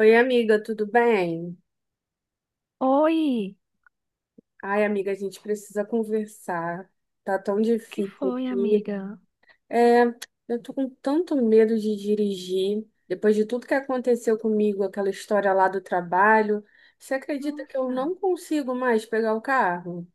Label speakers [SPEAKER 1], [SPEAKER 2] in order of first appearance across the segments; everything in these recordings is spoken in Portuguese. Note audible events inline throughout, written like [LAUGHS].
[SPEAKER 1] Oi, amiga, tudo bem?
[SPEAKER 2] Oi,
[SPEAKER 1] Ai, amiga, a gente precisa conversar. Tá tão
[SPEAKER 2] que
[SPEAKER 1] difícil
[SPEAKER 2] foi,
[SPEAKER 1] aqui.
[SPEAKER 2] amiga?
[SPEAKER 1] É, eu tô com tanto medo de dirigir. Depois de tudo que aconteceu comigo, aquela história lá do trabalho, você acredita que eu
[SPEAKER 2] Nossa,
[SPEAKER 1] não consigo mais pegar o carro?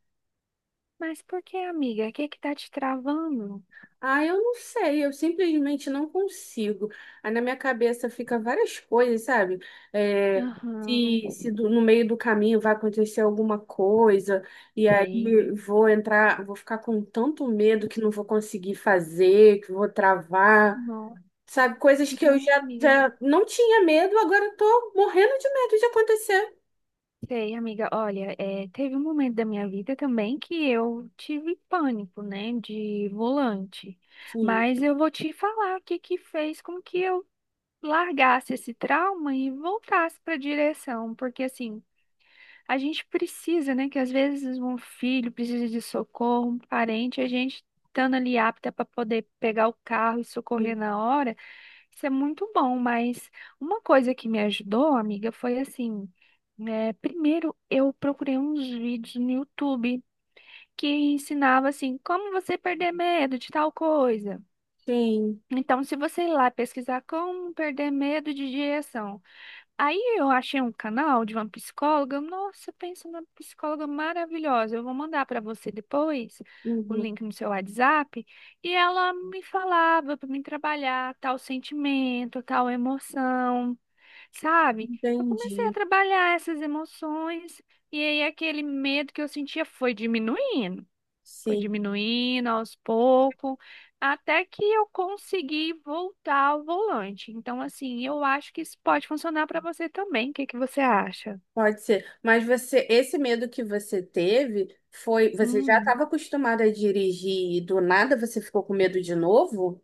[SPEAKER 2] mas por que, amiga? O que que tá te travando?
[SPEAKER 1] Ah, eu não sei, eu simplesmente não consigo. Aí na minha cabeça fica várias coisas, sabe? É,
[SPEAKER 2] Aham,
[SPEAKER 1] se se do- No meio do caminho vai acontecer alguma coisa, e aí
[SPEAKER 2] sei.
[SPEAKER 1] vou entrar, vou ficar com tanto medo que não vou conseguir fazer, que vou travar,
[SPEAKER 2] Não,
[SPEAKER 1] sabe? Coisas que eu
[SPEAKER 2] não,
[SPEAKER 1] já,
[SPEAKER 2] amiga.
[SPEAKER 1] já não tinha medo, agora eu tô morrendo de medo de acontecer.
[SPEAKER 2] Sei, amiga. Olha, é, teve um momento da minha vida também que eu tive pânico, né, de volante.
[SPEAKER 1] Sim,
[SPEAKER 2] Mas eu vou te falar o que que fez com que eu largasse esse trauma e voltasse para a direção, porque assim a gente precisa, né? Que às vezes um filho precisa de socorro, um parente, a gente estando ali apta para poder pegar o carro e socorrer
[SPEAKER 1] sim,
[SPEAKER 2] na hora, isso é muito bom. Mas uma coisa que me ajudou, amiga, foi assim: né, primeiro eu procurei uns vídeos no YouTube que ensinava assim, como você perder medo de tal coisa.
[SPEAKER 1] sim.
[SPEAKER 2] Então, se você ir lá pesquisar como perder medo de direção. Aí eu achei um canal de uma psicóloga. Nossa, pensa numa psicóloga maravilhosa. Eu vou mandar para você depois o
[SPEAKER 1] Uhum,
[SPEAKER 2] link no seu WhatsApp. E ela me falava para mim trabalhar tal sentimento, tal emoção, sabe? Eu comecei a
[SPEAKER 1] entendi.
[SPEAKER 2] trabalhar essas emoções e aí aquele medo que eu sentia foi diminuindo. Foi
[SPEAKER 1] Sim.
[SPEAKER 2] diminuindo aos poucos, até que eu consegui voltar ao volante. Então, assim, eu acho que isso pode funcionar para você também. O que que você acha?
[SPEAKER 1] Pode ser, mas você, esse medo que você teve foi, você já
[SPEAKER 2] Hum,
[SPEAKER 1] estava acostumada a dirigir e do nada você ficou com medo de novo?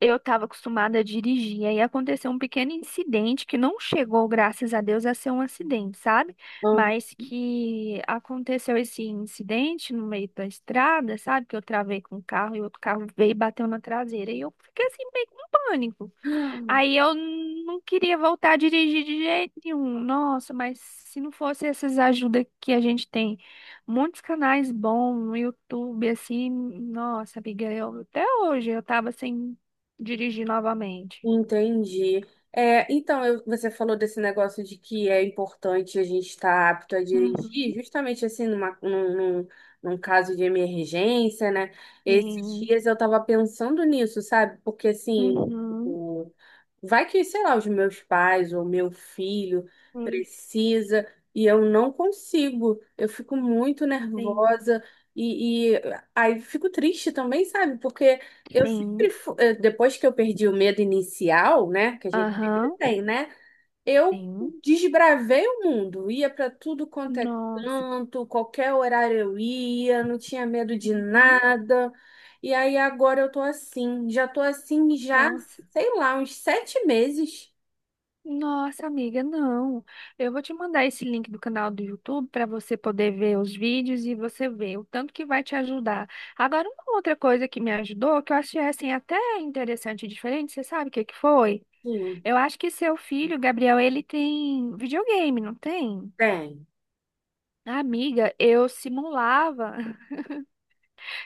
[SPEAKER 2] eu estava acostumada a dirigir, aí aconteceu um pequeno incidente que não chegou, graças a Deus, a ser um acidente, sabe?
[SPEAKER 1] Ah,
[SPEAKER 2] Mas que aconteceu esse incidente no meio da estrada, sabe? Que eu travei com o carro e outro carro veio e bateu na traseira. E eu fiquei assim, meio com pânico. Aí
[SPEAKER 1] [GASPS]
[SPEAKER 2] eu não queria voltar a dirigir de jeito nenhum. Nossa, mas se não fosse essas ajudas que a gente tem, muitos canais bons no YouTube, assim, nossa, amiga, eu, até hoje eu tava sem dirigir novamente.
[SPEAKER 1] Entendi. Você falou desse negócio de que é importante a gente estar apto a
[SPEAKER 2] Uhum,
[SPEAKER 1] dirigir, justamente assim, num, num caso de emergência, né? Esses
[SPEAKER 2] sim,
[SPEAKER 1] dias eu estava pensando nisso, sabe? Porque assim,
[SPEAKER 2] uhum,
[SPEAKER 1] o- vai que, sei lá, os meus pais ou meu filho
[SPEAKER 2] hum,
[SPEAKER 1] precisa e eu não consigo. Eu fico muito
[SPEAKER 2] sim,
[SPEAKER 1] nervosa e aí fico triste também, sabe? Porque eu sempre,
[SPEAKER 2] sim,
[SPEAKER 1] fu- eh, depois que eu perdi o medo inicial, né? Que a gente sempre
[SPEAKER 2] aham,
[SPEAKER 1] tem, né? Eu
[SPEAKER 2] sim.
[SPEAKER 1] desbravei o mundo, ia para tudo quanto é
[SPEAKER 2] Nossa,
[SPEAKER 1] canto, qualquer horário eu ia, não tinha medo de
[SPEAKER 2] uhum,
[SPEAKER 1] nada. E aí agora eu tô assim,
[SPEAKER 2] nossa.
[SPEAKER 1] sei lá, uns 7 meses.
[SPEAKER 2] Nossa, amiga, não. Eu vou te mandar esse link do canal do YouTube para você poder ver os vídeos e você ver o tanto que vai te ajudar. Agora, uma outra coisa que me ajudou, que eu achei assim até interessante e diferente, você sabe o que que foi?
[SPEAKER 1] Sim,
[SPEAKER 2] Eu acho que seu filho, Gabriel, ele tem videogame, não tem?
[SPEAKER 1] tem.
[SPEAKER 2] Amiga, eu simulava. [LAUGHS]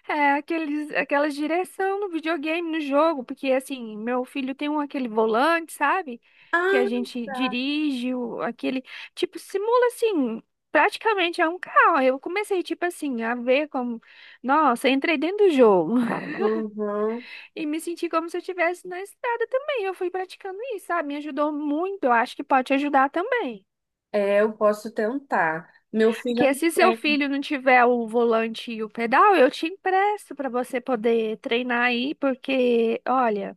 [SPEAKER 2] É, aqueles, aquelas direção no videogame, no jogo, porque assim, meu filho tem um aquele volante, sabe? Que a
[SPEAKER 1] Ah,
[SPEAKER 2] gente
[SPEAKER 1] tá.
[SPEAKER 2] dirige, aquele, tipo, simula assim, praticamente é um carro. Aí eu comecei, tipo assim, a ver como, nossa, entrei dentro do jogo [LAUGHS]
[SPEAKER 1] Uhum.
[SPEAKER 2] e me senti como se eu estivesse na estrada também. Eu fui praticando isso, sabe? Me ajudou muito, eu acho que pode te ajudar também.
[SPEAKER 1] É, eu posso tentar. Meu filho
[SPEAKER 2] Porque
[SPEAKER 1] não
[SPEAKER 2] se seu
[SPEAKER 1] tem.
[SPEAKER 2] filho não tiver o volante e o pedal, eu te empresto para você poder treinar aí, porque, olha.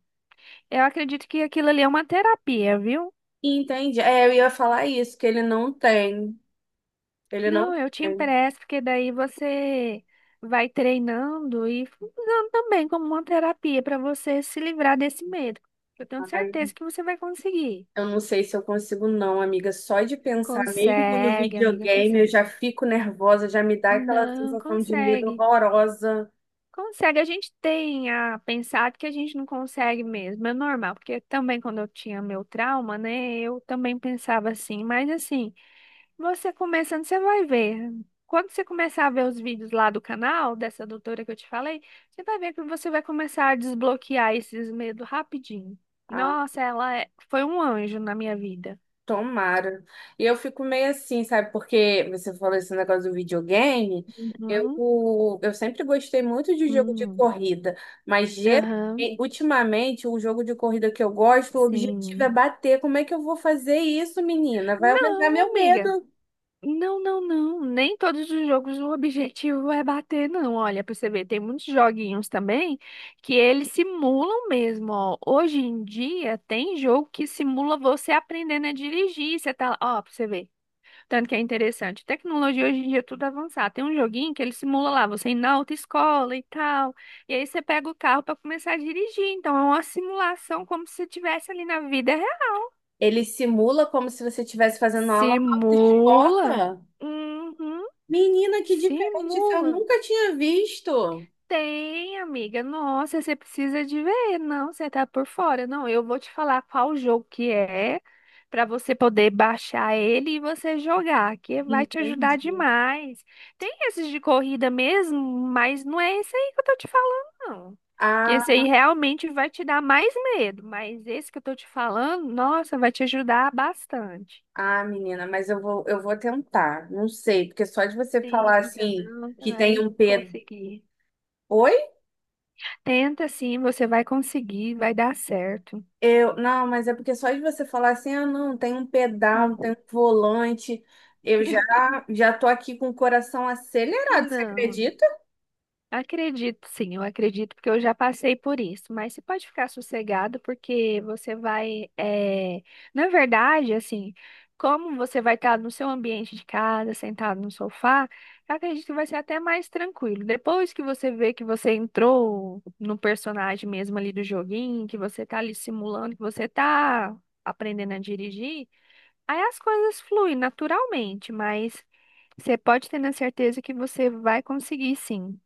[SPEAKER 2] Eu acredito que aquilo ali é uma terapia, viu?
[SPEAKER 1] Entende? É, eu ia falar isso, que ele não tem. Ele
[SPEAKER 2] Não,
[SPEAKER 1] não
[SPEAKER 2] eu te
[SPEAKER 1] tem.
[SPEAKER 2] empresto, porque daí você vai treinando e usando também como uma terapia para você se livrar desse medo. Eu tenho certeza que você vai conseguir.
[SPEAKER 1] Eu não sei se eu consigo, não, amiga. Só de pensar, mesmo no
[SPEAKER 2] Consegue, amiga,
[SPEAKER 1] videogame, eu
[SPEAKER 2] consegue.
[SPEAKER 1] já fico nervosa, já me dá aquela
[SPEAKER 2] Não,
[SPEAKER 1] sensação de medo
[SPEAKER 2] consegue.
[SPEAKER 1] horrorosa.
[SPEAKER 2] Consegue. A gente tem a pensado que a gente não consegue mesmo, é normal, porque também quando eu tinha meu trauma, né, eu também pensava assim, mas assim. Você começando, você vai ver. Quando você começar a ver os vídeos lá do canal, dessa doutora que eu te falei, você vai ver que você vai começar a desbloquear esses medos rapidinho.
[SPEAKER 1] Ah,
[SPEAKER 2] Nossa, ela foi um anjo na minha vida.
[SPEAKER 1] tomara. E eu fico meio assim, sabe? Porque você falou esse negócio do videogame.
[SPEAKER 2] Uhum.
[SPEAKER 1] Eu sempre gostei muito de jogo de
[SPEAKER 2] Hum.
[SPEAKER 1] corrida, mas geralmente,
[SPEAKER 2] Aham,
[SPEAKER 1] ultimamente, o jogo de corrida que eu gosto, o objetivo é
[SPEAKER 2] sim.
[SPEAKER 1] bater. Como é que eu vou fazer isso, menina? Vai aumentar meu
[SPEAKER 2] Não, amiga.
[SPEAKER 1] medo.
[SPEAKER 2] Não, não, não. Nem todos os jogos o objetivo é bater, não. Olha, pra você ver, tem muitos joguinhos também que eles simulam mesmo, ó. Hoje em dia tem jogo que simula você aprendendo a dirigir. Você tá lá, ó, pra você ver. Tanto que é interessante. Tecnologia hoje em dia é tudo avançado. Tem um joguinho que ele simula lá, você ir na autoescola e tal. E aí você pega o carro pra começar a dirigir. Então é uma simulação como se você estivesse ali na vida real.
[SPEAKER 1] Ele simula como se você estivesse fazendo aula na
[SPEAKER 2] Simula.
[SPEAKER 1] autoescola?
[SPEAKER 2] Uhum.
[SPEAKER 1] Menina, que diferente, isso eu
[SPEAKER 2] Simula.
[SPEAKER 1] nunca tinha visto.
[SPEAKER 2] Tem, amiga. Nossa, você precisa de ver. Não, você tá por fora. Não, eu vou te falar qual jogo que é para você poder baixar ele e você jogar, que vai te ajudar
[SPEAKER 1] Entendi.
[SPEAKER 2] demais. Tem esses de corrida mesmo, mas não é esse aí que eu tô te falando, não. Que esse aí
[SPEAKER 1] Ah,
[SPEAKER 2] realmente vai te dar mais medo, mas esse que eu tô te falando, nossa, vai te ajudar bastante.
[SPEAKER 1] ah, menina, eu vou tentar. Não sei, porque só de você falar
[SPEAKER 2] Tenta,
[SPEAKER 1] assim
[SPEAKER 2] não, você
[SPEAKER 1] que tem
[SPEAKER 2] vai
[SPEAKER 1] um ped...
[SPEAKER 2] conseguir.
[SPEAKER 1] Oi?
[SPEAKER 2] Tenta sim, você vai conseguir, vai dar certo.
[SPEAKER 1] Eu, não, mas é porque só de você falar assim, ah, não, tem um pedal, tem um volante. Eu já já tô aqui com o coração acelerado, você
[SPEAKER 2] Não,
[SPEAKER 1] acredita?
[SPEAKER 2] acredito sim, eu acredito porque eu já passei por isso, mas você pode ficar sossegado porque você vai, é, na verdade, assim, como você vai estar no seu ambiente de casa, sentado no sofá, eu acredito que vai ser até mais tranquilo. Depois que você vê que você entrou no personagem mesmo ali do joguinho, que você tá ali simulando, que você tá aprendendo a dirigir, aí as coisas fluem naturalmente, mas você pode ter na certeza que você vai conseguir, sim.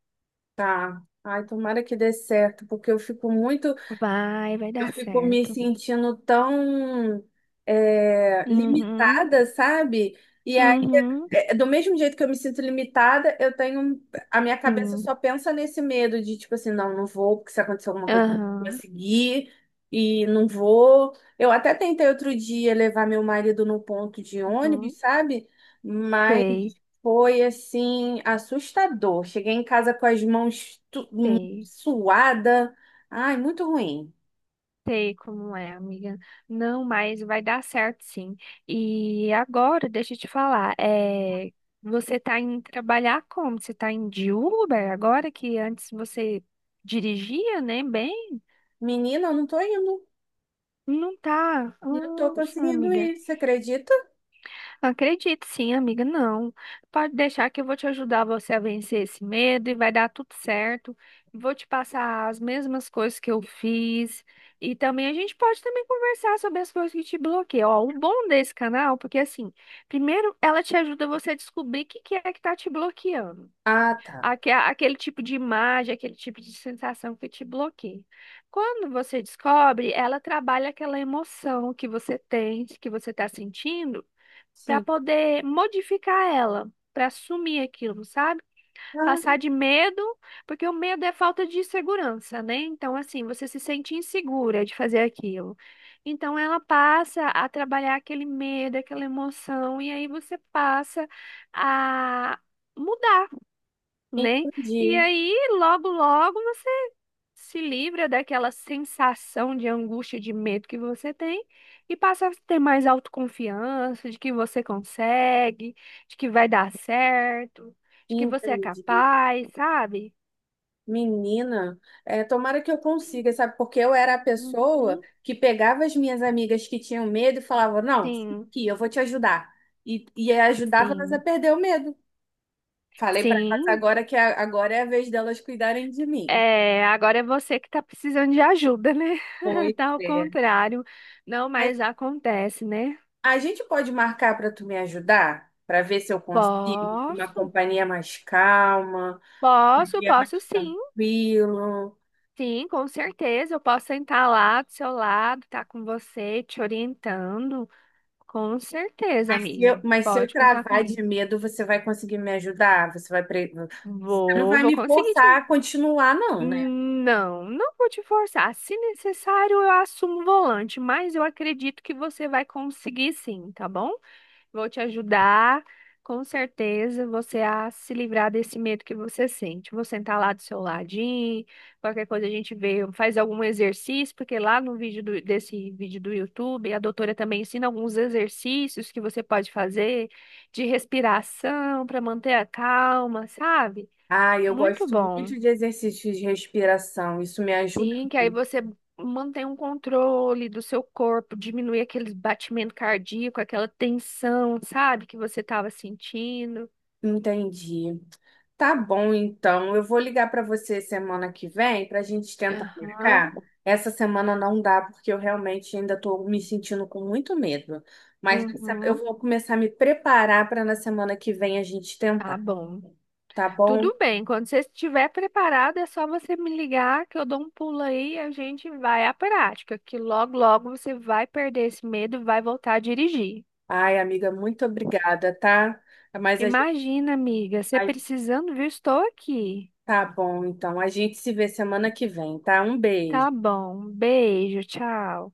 [SPEAKER 1] Tá. Ai, tomara que dê certo, porque eu fico muito.
[SPEAKER 2] Vai, vai
[SPEAKER 1] Eu
[SPEAKER 2] dar
[SPEAKER 1] fico me
[SPEAKER 2] certo.
[SPEAKER 1] sentindo tão
[SPEAKER 2] Uhum,
[SPEAKER 1] limitada, sabe? E aí,
[SPEAKER 2] uhum,
[SPEAKER 1] é, do mesmo jeito que eu me sinto limitada, eu tenho. A minha cabeça
[SPEAKER 2] sim.
[SPEAKER 1] só pensa nesse medo de, tipo assim, não vou, porque se acontecer alguma coisa, eu vou
[SPEAKER 2] Aham,
[SPEAKER 1] seguir, e não vou. Eu até tentei outro dia levar meu marido no ponto de
[SPEAKER 2] uhum.
[SPEAKER 1] ônibus, sabe? Mas
[SPEAKER 2] Sei,
[SPEAKER 1] foi, assim, assustador. Cheguei em casa com as mãos
[SPEAKER 2] sei,
[SPEAKER 1] suada. Ai, muito ruim.
[SPEAKER 2] sei como é, amiga. Não, mas vai dar certo, sim. E agora, deixa eu te falar, é, você tá indo trabalhar como? Você tá indo de Uber agora que antes você dirigia, né, bem?
[SPEAKER 1] Menina, eu não tô indo.
[SPEAKER 2] Não tá?
[SPEAKER 1] Não tô
[SPEAKER 2] Nossa,
[SPEAKER 1] conseguindo
[SPEAKER 2] amiga.
[SPEAKER 1] ir. Você acredita?
[SPEAKER 2] Acredito sim, amiga. Não. Pode deixar que eu vou te ajudar você a vencer esse medo e vai dar tudo certo. Vou te passar as mesmas coisas que eu fiz. E também a gente pode também conversar sobre as coisas que te bloqueiam. Ó, o bom desse canal, porque assim, primeiro ela te ajuda você a descobrir o que que é que tá te bloqueando
[SPEAKER 1] Ah, tá.
[SPEAKER 2] aquele tipo de imagem, aquele tipo de sensação que te bloqueia. Quando você descobre, ela trabalha aquela emoção que você tem, que você está sentindo, para
[SPEAKER 1] Sim.
[SPEAKER 2] poder modificar ela, para assumir aquilo, sabe? Passar
[SPEAKER 1] Ah,
[SPEAKER 2] de medo, porque o medo é falta de segurança, né? Então, assim, você se sente insegura de fazer aquilo. Então, ela passa a trabalhar aquele medo, aquela emoção, e aí você passa a mudar né? E
[SPEAKER 1] entendi.
[SPEAKER 2] aí, logo, logo você se livra daquela sensação de angústia, de medo que você tem e passa a ter mais autoconfiança de que você consegue, de que vai dar certo, de que você é
[SPEAKER 1] Entendi.
[SPEAKER 2] capaz, sabe?
[SPEAKER 1] Menina, é, tomara que eu consiga, sabe? Porque eu era a pessoa
[SPEAKER 2] Uhum.
[SPEAKER 1] que pegava as minhas amigas que tinham medo e falava: não,
[SPEAKER 2] Sim,
[SPEAKER 1] aqui, eu vou te ajudar. E ajudava elas a
[SPEAKER 2] sim,
[SPEAKER 1] perder o medo. Falei pra elas
[SPEAKER 2] sim.
[SPEAKER 1] agora agora é a vez delas cuidarem de mim.
[SPEAKER 2] É, agora é você que tá precisando de ajuda, né? [LAUGHS]
[SPEAKER 1] Pois
[SPEAKER 2] Tá ao
[SPEAKER 1] é.
[SPEAKER 2] contrário. Não,
[SPEAKER 1] Mas
[SPEAKER 2] mas acontece, né?
[SPEAKER 1] a gente pode marcar para tu me ajudar, para ver se eu consigo uma
[SPEAKER 2] Posso,
[SPEAKER 1] companhia mais calma, um
[SPEAKER 2] posso,
[SPEAKER 1] dia mais
[SPEAKER 2] posso sim.
[SPEAKER 1] tranquilo.
[SPEAKER 2] Sim, com certeza. Eu posso sentar lá do seu lado, estar com você, te orientando. Com certeza, amiga.
[SPEAKER 1] Mas se eu
[SPEAKER 2] Pode contar
[SPEAKER 1] travar
[SPEAKER 2] comigo.
[SPEAKER 1] de medo, você vai conseguir me ajudar? Você não
[SPEAKER 2] Vou,
[SPEAKER 1] vai
[SPEAKER 2] vou
[SPEAKER 1] me
[SPEAKER 2] conseguir te.
[SPEAKER 1] forçar a continuar, não, né?
[SPEAKER 2] Não, não vou te forçar. Se necessário, eu assumo o volante, mas eu acredito que você vai conseguir sim, tá bom? Vou te ajudar, com certeza, você a se livrar desse medo que você sente. Vou sentar lá do seu ladinho, qualquer coisa a gente vê, faz algum exercício, porque lá no vídeo desse vídeo do YouTube, a doutora também ensina alguns exercícios que você pode fazer de respiração para manter a calma, sabe?
[SPEAKER 1] Ah, eu
[SPEAKER 2] Muito
[SPEAKER 1] gosto
[SPEAKER 2] bom.
[SPEAKER 1] muito de exercícios de respiração. Isso me ajuda
[SPEAKER 2] Sim, que aí
[SPEAKER 1] muito.
[SPEAKER 2] você mantém um controle do seu corpo, diminui aquele batimento cardíaco, aquela tensão, sabe, que você estava sentindo.
[SPEAKER 1] Entendi. Tá bom, então. Eu vou ligar para você semana que vem para a gente tentar
[SPEAKER 2] Aham,
[SPEAKER 1] marcar. Essa semana não dá, porque eu realmente ainda estou me sentindo com muito medo. Eu
[SPEAKER 2] uhum,
[SPEAKER 1] vou começar a me preparar para na semana que vem a gente
[SPEAKER 2] tá
[SPEAKER 1] tentar,
[SPEAKER 2] bom.
[SPEAKER 1] tá bom?
[SPEAKER 2] Tudo bem, quando você estiver preparado, é só você me ligar que eu dou um pulo aí e a gente vai à prática, que logo, logo você vai perder esse medo e vai voltar a dirigir.
[SPEAKER 1] Ai, amiga, muito obrigada, tá? Mas a gente.
[SPEAKER 2] Imagina, amiga, você
[SPEAKER 1] Ai,
[SPEAKER 2] precisando, viu? Estou aqui.
[SPEAKER 1] tá bom, então. A gente se vê semana que vem, tá? Um beijo.
[SPEAKER 2] Tá bom, beijo, tchau.